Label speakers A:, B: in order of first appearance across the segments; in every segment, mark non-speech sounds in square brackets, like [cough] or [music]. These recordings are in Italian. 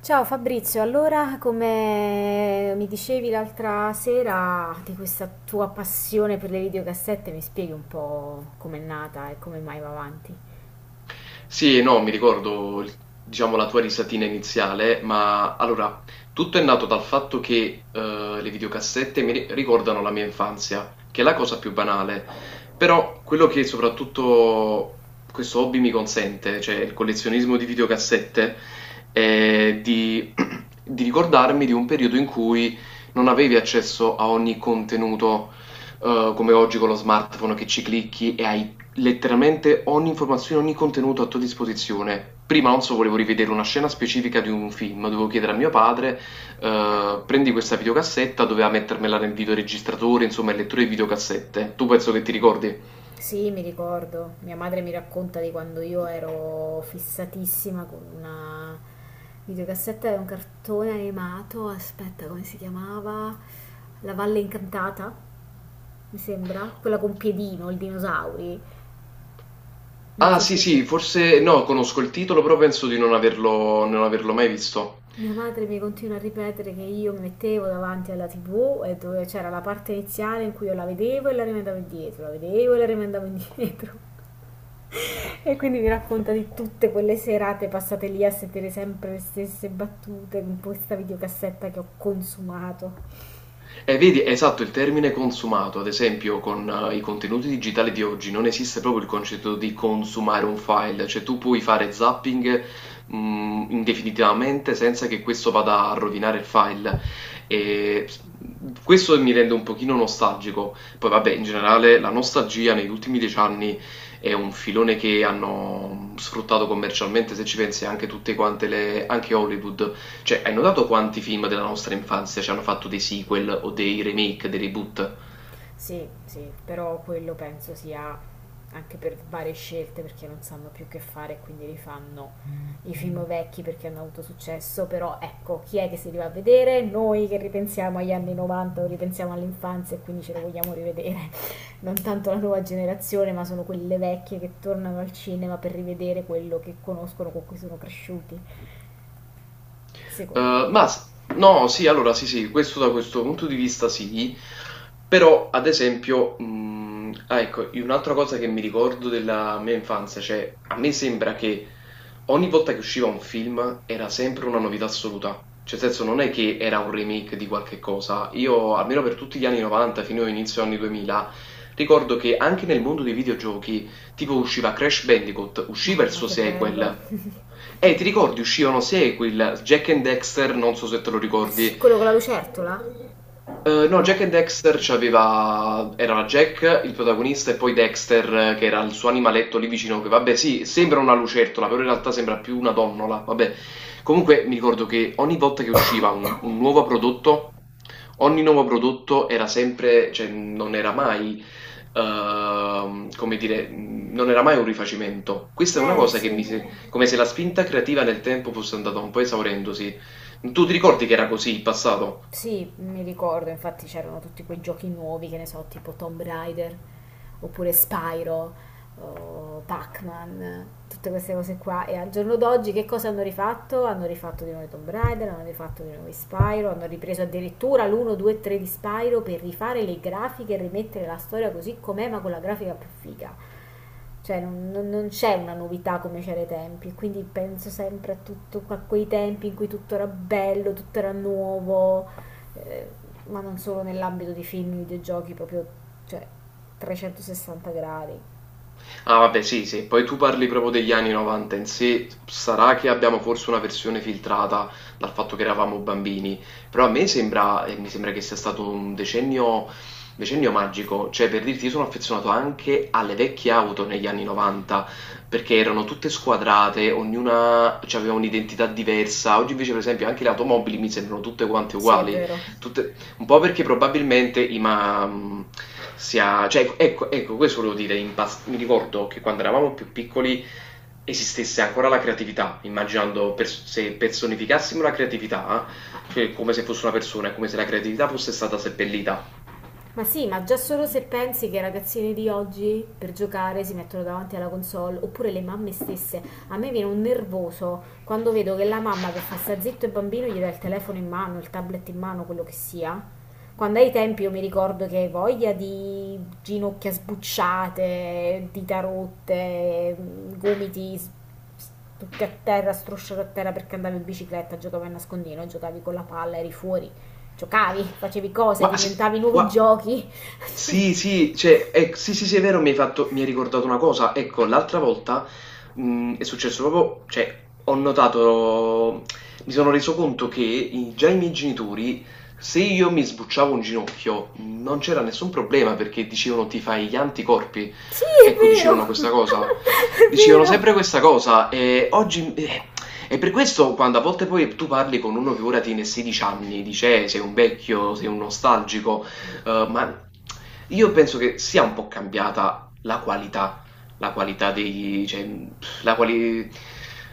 A: Ciao Fabrizio, allora come mi dicevi l'altra sera di questa tua passione per le videocassette, mi spieghi un po' com'è nata e come mai va avanti?
B: Sì, no, mi ricordo, diciamo, la tua risatina iniziale, ma allora, tutto è nato dal fatto che le videocassette mi ricordano la mia infanzia, che è la cosa più banale, però quello che soprattutto questo hobby mi consente, cioè il collezionismo di videocassette, è [clears throat] di ricordarmi di un periodo in cui non avevi accesso a ogni contenuto, come oggi con lo smartphone, che ci clicchi e hai letteralmente ogni informazione, ogni contenuto a tua disposizione. Prima, non so, volevo rivedere una scena specifica di un film, dovevo chiedere a mio padre: prendi questa videocassetta, doveva mettermela nel videoregistratore, insomma, il lettore di videocassette. Tu penso che ti ricordi?
A: Sì, mi ricordo, mia madre mi racconta di quando io ero fissatissima con una videocassetta di un cartone animato, aspetta come si chiamava? La Valle Incantata, mi sembra, quella con Piedino, il dinosauri. Non
B: Ah,
A: so
B: sì,
A: se.
B: sì, forse no, conosco il titolo, però penso di non averlo mai visto.
A: Mia madre mi continua a ripetere che io mi mettevo davanti alla TV e dove c'era la parte iniziale in cui io la vedevo e la rimandavo indietro, la vedevo e la rimandavo indietro. [laughs] E quindi mi racconta di tutte quelle serate passate lì a sentire sempre le stesse battute con questa videocassetta che ho consumato.
B: Vedi, esatto, il termine consumato, ad esempio, con i contenuti digitali di oggi non esiste proprio il concetto di consumare un file, cioè tu puoi fare zapping indefinitivamente senza che questo vada a rovinare il file. E s- questo mi rende un pochino nostalgico. Poi, vabbè, in generale la nostalgia negli ultimi 10 anni è un filone che hanno sfruttato commercialmente, se ci pensi, anche tutte quante le, anche Hollywood, cioè, hai notato quanti film della nostra infanzia ci hanno fatto dei sequel o dei remake, dei reboot?
A: Sì, sì, però quello penso sia anche per varie scelte perché non sanno più che fare e quindi rifanno i film vecchi perché hanno avuto successo, però ecco, chi è che si li va a vedere? Noi che ripensiamo agli anni 90 o ripensiamo all'infanzia e quindi ce lo vogliamo rivedere, [laughs] non tanto la nuova generazione, ma sono quelle vecchie che tornano al cinema per rivedere quello che conoscono, con cui sono cresciuti, secondo me.
B: Eh, ma s- no, sì, allora sì, sì, questo da questo punto di vista sì, però ad esempio, ecco, un'altra cosa che mi ricordo della mia infanzia, cioè, a me sembra che ogni volta che usciva un film era sempre una novità assoluta, cioè nel senso non è che era un remake di qualche cosa. Io almeno per tutti gli anni 90 fino all'inizio anni 2000 ricordo che anche nel mondo dei videogiochi tipo usciva Crash Bandicoot, usciva il
A: Mamma
B: suo
A: che bello.
B: sequel. Ti ricordi, uscivano sequel, Jack and Dexter, non so se te lo
A: Sì,
B: ricordi,
A: quello con la lucertola?
B: no, Jack e
A: No.
B: Dexter c'aveva. Era Jack il protagonista e poi Dexter, che era il suo animaletto lì vicino. Che vabbè, sì, sembra una lucertola, però in realtà sembra più una donnola. Vabbè, comunque mi ricordo che ogni volta che usciva un nuovo prodotto, ogni nuovo prodotto era sempre, cioè non era mai, come dire, non era mai un rifacimento. Questa è una
A: Eh
B: cosa che
A: sì.
B: mi. Se- come se la spinta creativa nel tempo fosse andata un po' esaurendosi. Tu ti ricordi che era così in passato?
A: Sì, mi ricordo, infatti c'erano tutti quei giochi nuovi, che ne so, tipo Tomb Raider, oppure Spyro, o Pac-Man, tutte queste cose qua. E al giorno d'oggi che cosa hanno rifatto? Hanno rifatto di nuovo i Tomb Raider, hanno rifatto di nuovo i Spyro, hanno ripreso addirittura l'1, 2, 3 di Spyro per rifare le grafiche e rimettere la storia così com'è, ma con la grafica più figa. Cioè non c'è una novità come c'era ai tempi, quindi penso sempre a, tutto, a quei tempi in cui tutto era bello, tutto era nuovo, eh, ma non solo nell'ambito dei film, videogiochi, proprio cioè, 360 gradi.
B: Ah, vabbè, sì, sì, poi tu parli proprio degli anni 90 in sé. Sarà che abbiamo forse una versione filtrata dal fatto che eravamo bambini, però a me sembra, e mi sembra che sia stato un decennio, magico, cioè per dirti, io sono affezionato anche alle vecchie auto negli anni 90, perché erano tutte squadrate, ognuna aveva un'identità diversa. Oggi invece, per esempio, anche le automobili mi sembrano tutte quante
A: Sì, è
B: uguali,
A: vero.
B: tutte- un po' perché probabilmente i ma mhmm, sia cioè, ecco ecco, questo volevo dire, impas mi ricordo che quando eravamo più piccoli esistesse ancora la creatività. Immaginando, pers se personificassimo la creatività, cioè come se fosse una persona, è come se la creatività fosse stata seppellita.
A: Ma sì, ma già solo se pensi che i ragazzini di oggi per giocare si mettono davanti alla console, oppure le mamme stesse, a me viene un nervoso quando vedo che la mamma per far sta zitto il bambino gli dà il telefono in mano, il tablet in mano, quello che sia. Quando ai tempi io mi ricordo che voglia di ginocchia sbucciate, dita rotte, gomiti s- tutti a terra, strusciati a terra perché andavi in bicicletta, giocavi a nascondino, giocavi con la palla, eri fuori. Giocavi, facevi cose,
B: Gua sì,
A: diventavi nuovi
B: gua
A: giochi. [laughs]
B: Sì, sì, cioè, sì, sì, sì, è vero, mi hai ricordato una cosa. Ecco, l'altra volta, è successo proprio, cioè, ho notato, mi sono reso conto che già i miei genitori, se io mi sbucciavo un ginocchio, non c'era nessun problema perché dicevano: ti fai gli anticorpi.
A: Sì, è
B: Ecco, dicevano
A: vero, [laughs]
B: questa cosa.
A: è
B: Dicevano
A: vero.
B: sempre questa cosa, e oggi. E per questo, quando a volte poi tu parli con uno che ora tiene 16 anni, dice: sei un vecchio, sei un nostalgico". Ma io penso che sia un po' cambiata la qualità, la qualità dei cioè, mhmm, la quali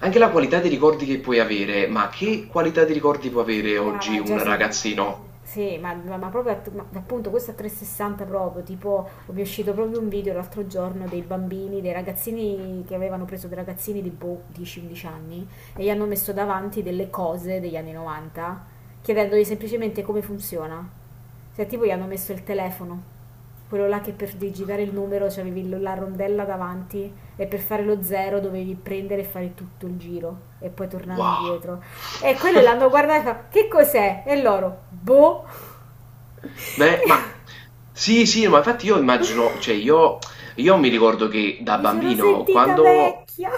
B: anche la qualità dei ricordi che puoi avere. Ma che qualità di ricordi può avere
A: Yeah,
B: oggi
A: ma già
B: un
A: se.
B: ragazzino?
A: Sì, ma, ma proprio appunto questo a 360 proprio, tipo mi è uscito proprio un video l'altro giorno dei bambini, dei ragazzini che avevano preso dei ragazzini di boh, 10-11 anni e gli hanno messo davanti delle cose degli anni 90 chiedendogli semplicemente come funziona. Cioè tipo gli hanno messo il telefono. Quello là che per digitare il numero c'avevi la rondella davanti e per fare lo zero dovevi prendere e fare tutto il giro e poi tornavi
B: Wow!
A: indietro. E quello l'hanno
B: [laughs]
A: guardato e fa, che cos'è? E loro, boh. [laughs]
B: Me ma Sì, sì, ma infatti io immagino, cioè, io mi ricordo che da
A: Mi sono
B: bambino
A: sentita
B: quando...
A: vecchia.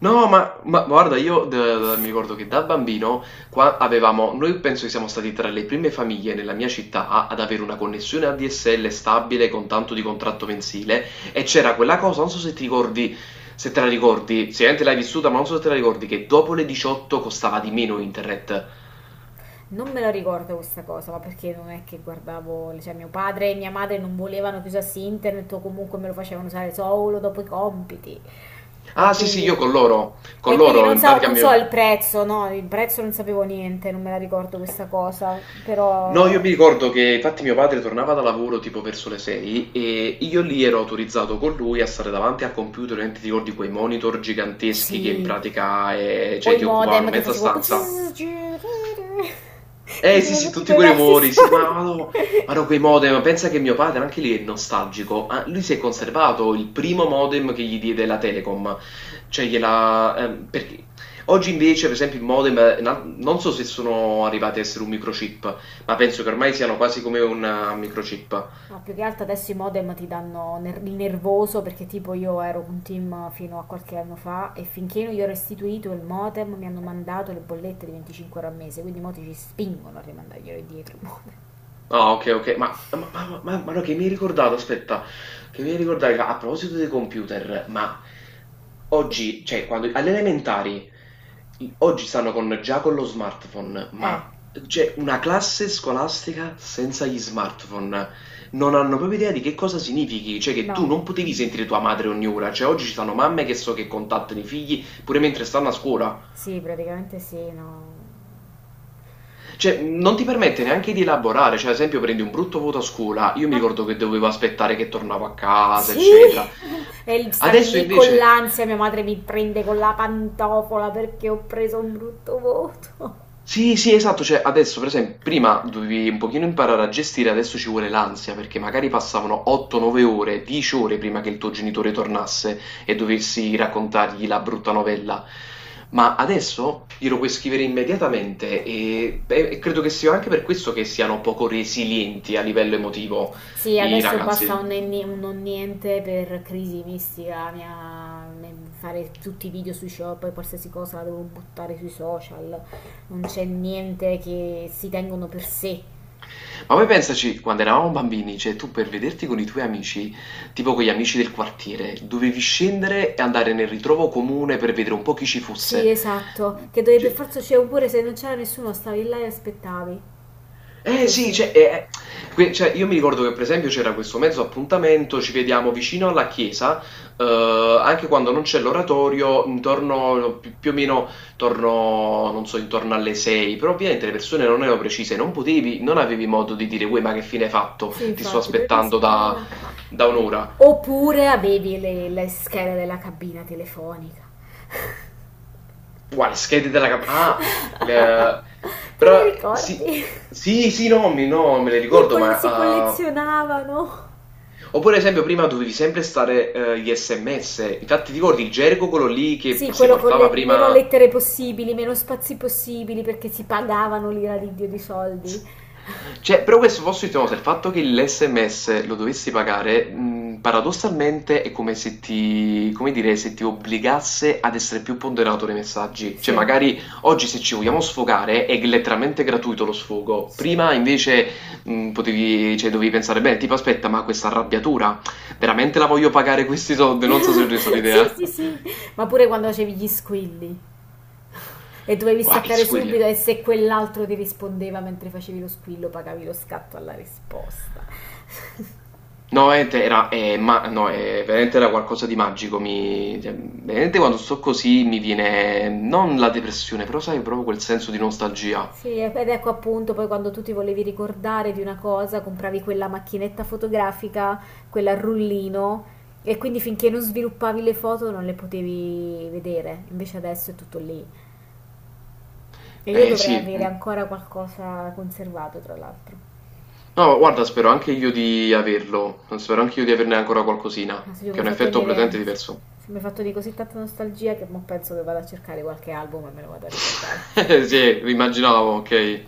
B: No, ma, guarda, mi ricordo che da bambino, qua, avevamo, noi penso che siamo stati tra le prime famiglie nella mia città ad avere una connessione ADSL stabile, con tanto di contratto mensile. E c'era quella cosa, non so se ti ricordi, se te la ricordi, sicuramente l'hai vissuta, ma non so se te la ricordi, che dopo le 18 costava di meno internet.
A: Non me la ricordo questa cosa, ma perché non è che guardavo, cioè mio padre e mia madre non volevano che usassi internet o comunque me lo facevano usare solo dopo i compiti. E
B: Ah, sì, sì, io
A: quindi,
B: con loro, con
A: e quindi
B: loro,
A: non
B: in
A: so,
B: pratica
A: non so
B: mio...
A: il prezzo, no, il prezzo non sapevo niente, non me la ricordo questa cosa,
B: No, io mi
A: però
B: ricordo che infatti mio padre tornava da lavoro tipo verso le 6, e io lì ero autorizzato con lui a stare davanti al computer, ovviamente. Ti ricordi quei monitor giganteschi che in
A: sì,
B: pratica,
A: o
B: cioè,
A: i
B: ti occupavano
A: modem
B: mezza
A: che
B: stanza. Eh sì,
A: facevano
B: sì,
A: tutti
B: tutti
A: quei
B: quei
A: versi
B: rumori, sì, ma
A: strani.
B: no, ma no, quei modem, pensa che mio padre anche lì è nostalgico. Ah, lui si è conservato il primo modem che gli diede la Telecom, cioè gliela... perché... Oggi invece, per esempio, il modem, non so se sono arrivati a essere un microchip, ma penso che ormai siano quasi come un, microchip.
A: No, più che altro adesso i modem ti danno il nervoso perché tipo io ero un team fino a qualche anno fa e finché non gli ho restituito il modem mi hanno mandato le bollette di 25 euro al mese, quindi i moti ci spingono a rimandarglielo indietro.
B: Ah, ok, ok, ma, ma no, che mi hai ricordato, aspetta, che mi hai ricordato, a proposito dei computer. Ma oggi, cioè, quando alle elementari, oggi stanno con già con lo smartphone,
A: Eh,
B: ma c'è una classe scolastica senza gli smartphone. Non hanno proprio idea di che cosa significhi, cioè che tu
A: no.
B: non potevi sentire tua madre ogni ora. Cioè, oggi ci sono mamme che so che contattano i figli pure mentre stanno a scuola,
A: Sì, praticamente sì, no.
B: cioè non ti permette neanche di elaborare. Cioè, ad esempio, prendi un brutto voto a scuola, io mi
A: Ma
B: ricordo che dovevo aspettare che tornavo a casa,
A: sì!
B: eccetera.
A: [laughs] E stavi
B: Adesso
A: lì con
B: invece...
A: l'ansia, mia madre mi prende con la pantofola perché ho preso un brutto voto. [laughs]
B: Sì, sì, esatto, cioè adesso, per esempio, prima dovevi un pochino imparare a gestire, adesso ci vuole l'ansia, perché magari passavano 8-9 ore, 10 ore prima che il tuo genitore tornasse e dovessi raccontargli la brutta novella. Ma adesso glielo puoi scrivere immediatamente, beh, e credo che sia anche per questo che siano poco resilienti a livello emotivo
A: Sì,
B: i
A: adesso basta un,
B: ragazzi.
A: nenni- un non niente per crisi mistica, fare tutti i video sui shop e qualsiasi cosa la devo buttare sui social. Non c'è niente che si tengono per sé.
B: Ma poi pensaci, quando eravamo bambini, cioè, tu per vederti con i tuoi amici, tipo con gli amici del quartiere, dovevi scendere e andare nel ritrovo comune per vedere un po' chi ci
A: Sì,
B: fosse.
A: esatto, che dovevi per
B: Cioè-
A: forza uscire oppure se non c'era nessuno stavi là e aspettavi.
B: eh sì,
A: Così.
B: cioè, io mi ricordo che, per esempio, c'era questo mezzo appuntamento: ci vediamo vicino alla chiesa, anche quando non c'è l'oratorio, intorno, più o meno intorno, non so, intorno alle 6, però ovviamente le persone non erano precise, non potevi, non avevi modo di dire: uè, ma che fine hai fatto?
A: Sì,
B: Ti sto
A: infatti, dovevi
B: aspettando
A: aspettare
B: da
A: là.
B: Da un'ora.
A: Oppure avevi le schede della cabina telefonica.
B: Guarda, le schede della ah, le-
A: [laughs] Te le
B: però, sì,
A: ricordi? [laughs]
B: sì, sì, no, no, me le ricordo,
A: Si
B: ma...
A: collezionavano.
B: oppure, ad esempio, prima dovevi sempre stare, gli SMS. Infatti, ti ricordi il gergo quello lì che
A: Sì,
B: si
A: quello con
B: portava
A: le meno
B: prima...
A: lettere possibili, meno spazi possibili, perché si pagavano l'ira di Dio di soldi.
B: [laughs] Cioè, però questo posso dirti una cosa: il fatto che l'SMS lo dovessi pagare, paradossalmente è come se ti, come dire, se ti obbligasse ad essere più ponderato nei messaggi. Cioè,
A: Sì,
B: magari oggi, se ci vogliamo sfogare, è letteralmente gratuito lo sfogo.
A: sì.
B: Prima
A: [laughs]
B: invece potevi, cioè, dovevi pensare: beh, tipo, aspetta, ma questa arrabbiatura veramente la voglio pagare questi soldi? Non so se ho reso
A: Sì,
B: l'idea.
A: sì,
B: [laughs]
A: sì. Ma pure quando facevi gli squilli. E dovevi
B: Wow,
A: staccare
B: it's weird.
A: subito e se quell'altro ti rispondeva mentre facevi lo squillo, pagavi lo scatto alla risposta.
B: No, veramente era, no, veramente era qualcosa di magico. Cioè, veramente, quando sto così mi viene non la depressione, però sai, proprio quel senso di nostalgia.
A: Sì, ed ecco appunto poi quando tu ti volevi ricordare di una cosa, compravi quella macchinetta fotografica, quella a rullino, e quindi finché non sviluppavi le foto non le potevi vedere. Invece adesso è tutto lì. E io
B: Eh
A: dovrei
B: sì,
A: avere
B: mm.
A: ancora qualcosa conservato, tra l'altro.
B: No, guarda, spero anche io di averlo. Spero anche io di averne ancora qualcosina,
A: Adesso io mi
B: che è
A: hai
B: un
A: fatto
B: effetto
A: venire,
B: completamente
A: sì,
B: diverso.
A: mi hai fatto di così tanta nostalgia che mo penso che vado a cercare qualche album e me lo vado a ricordare.
B: [laughs] Sì, immaginavo, ok.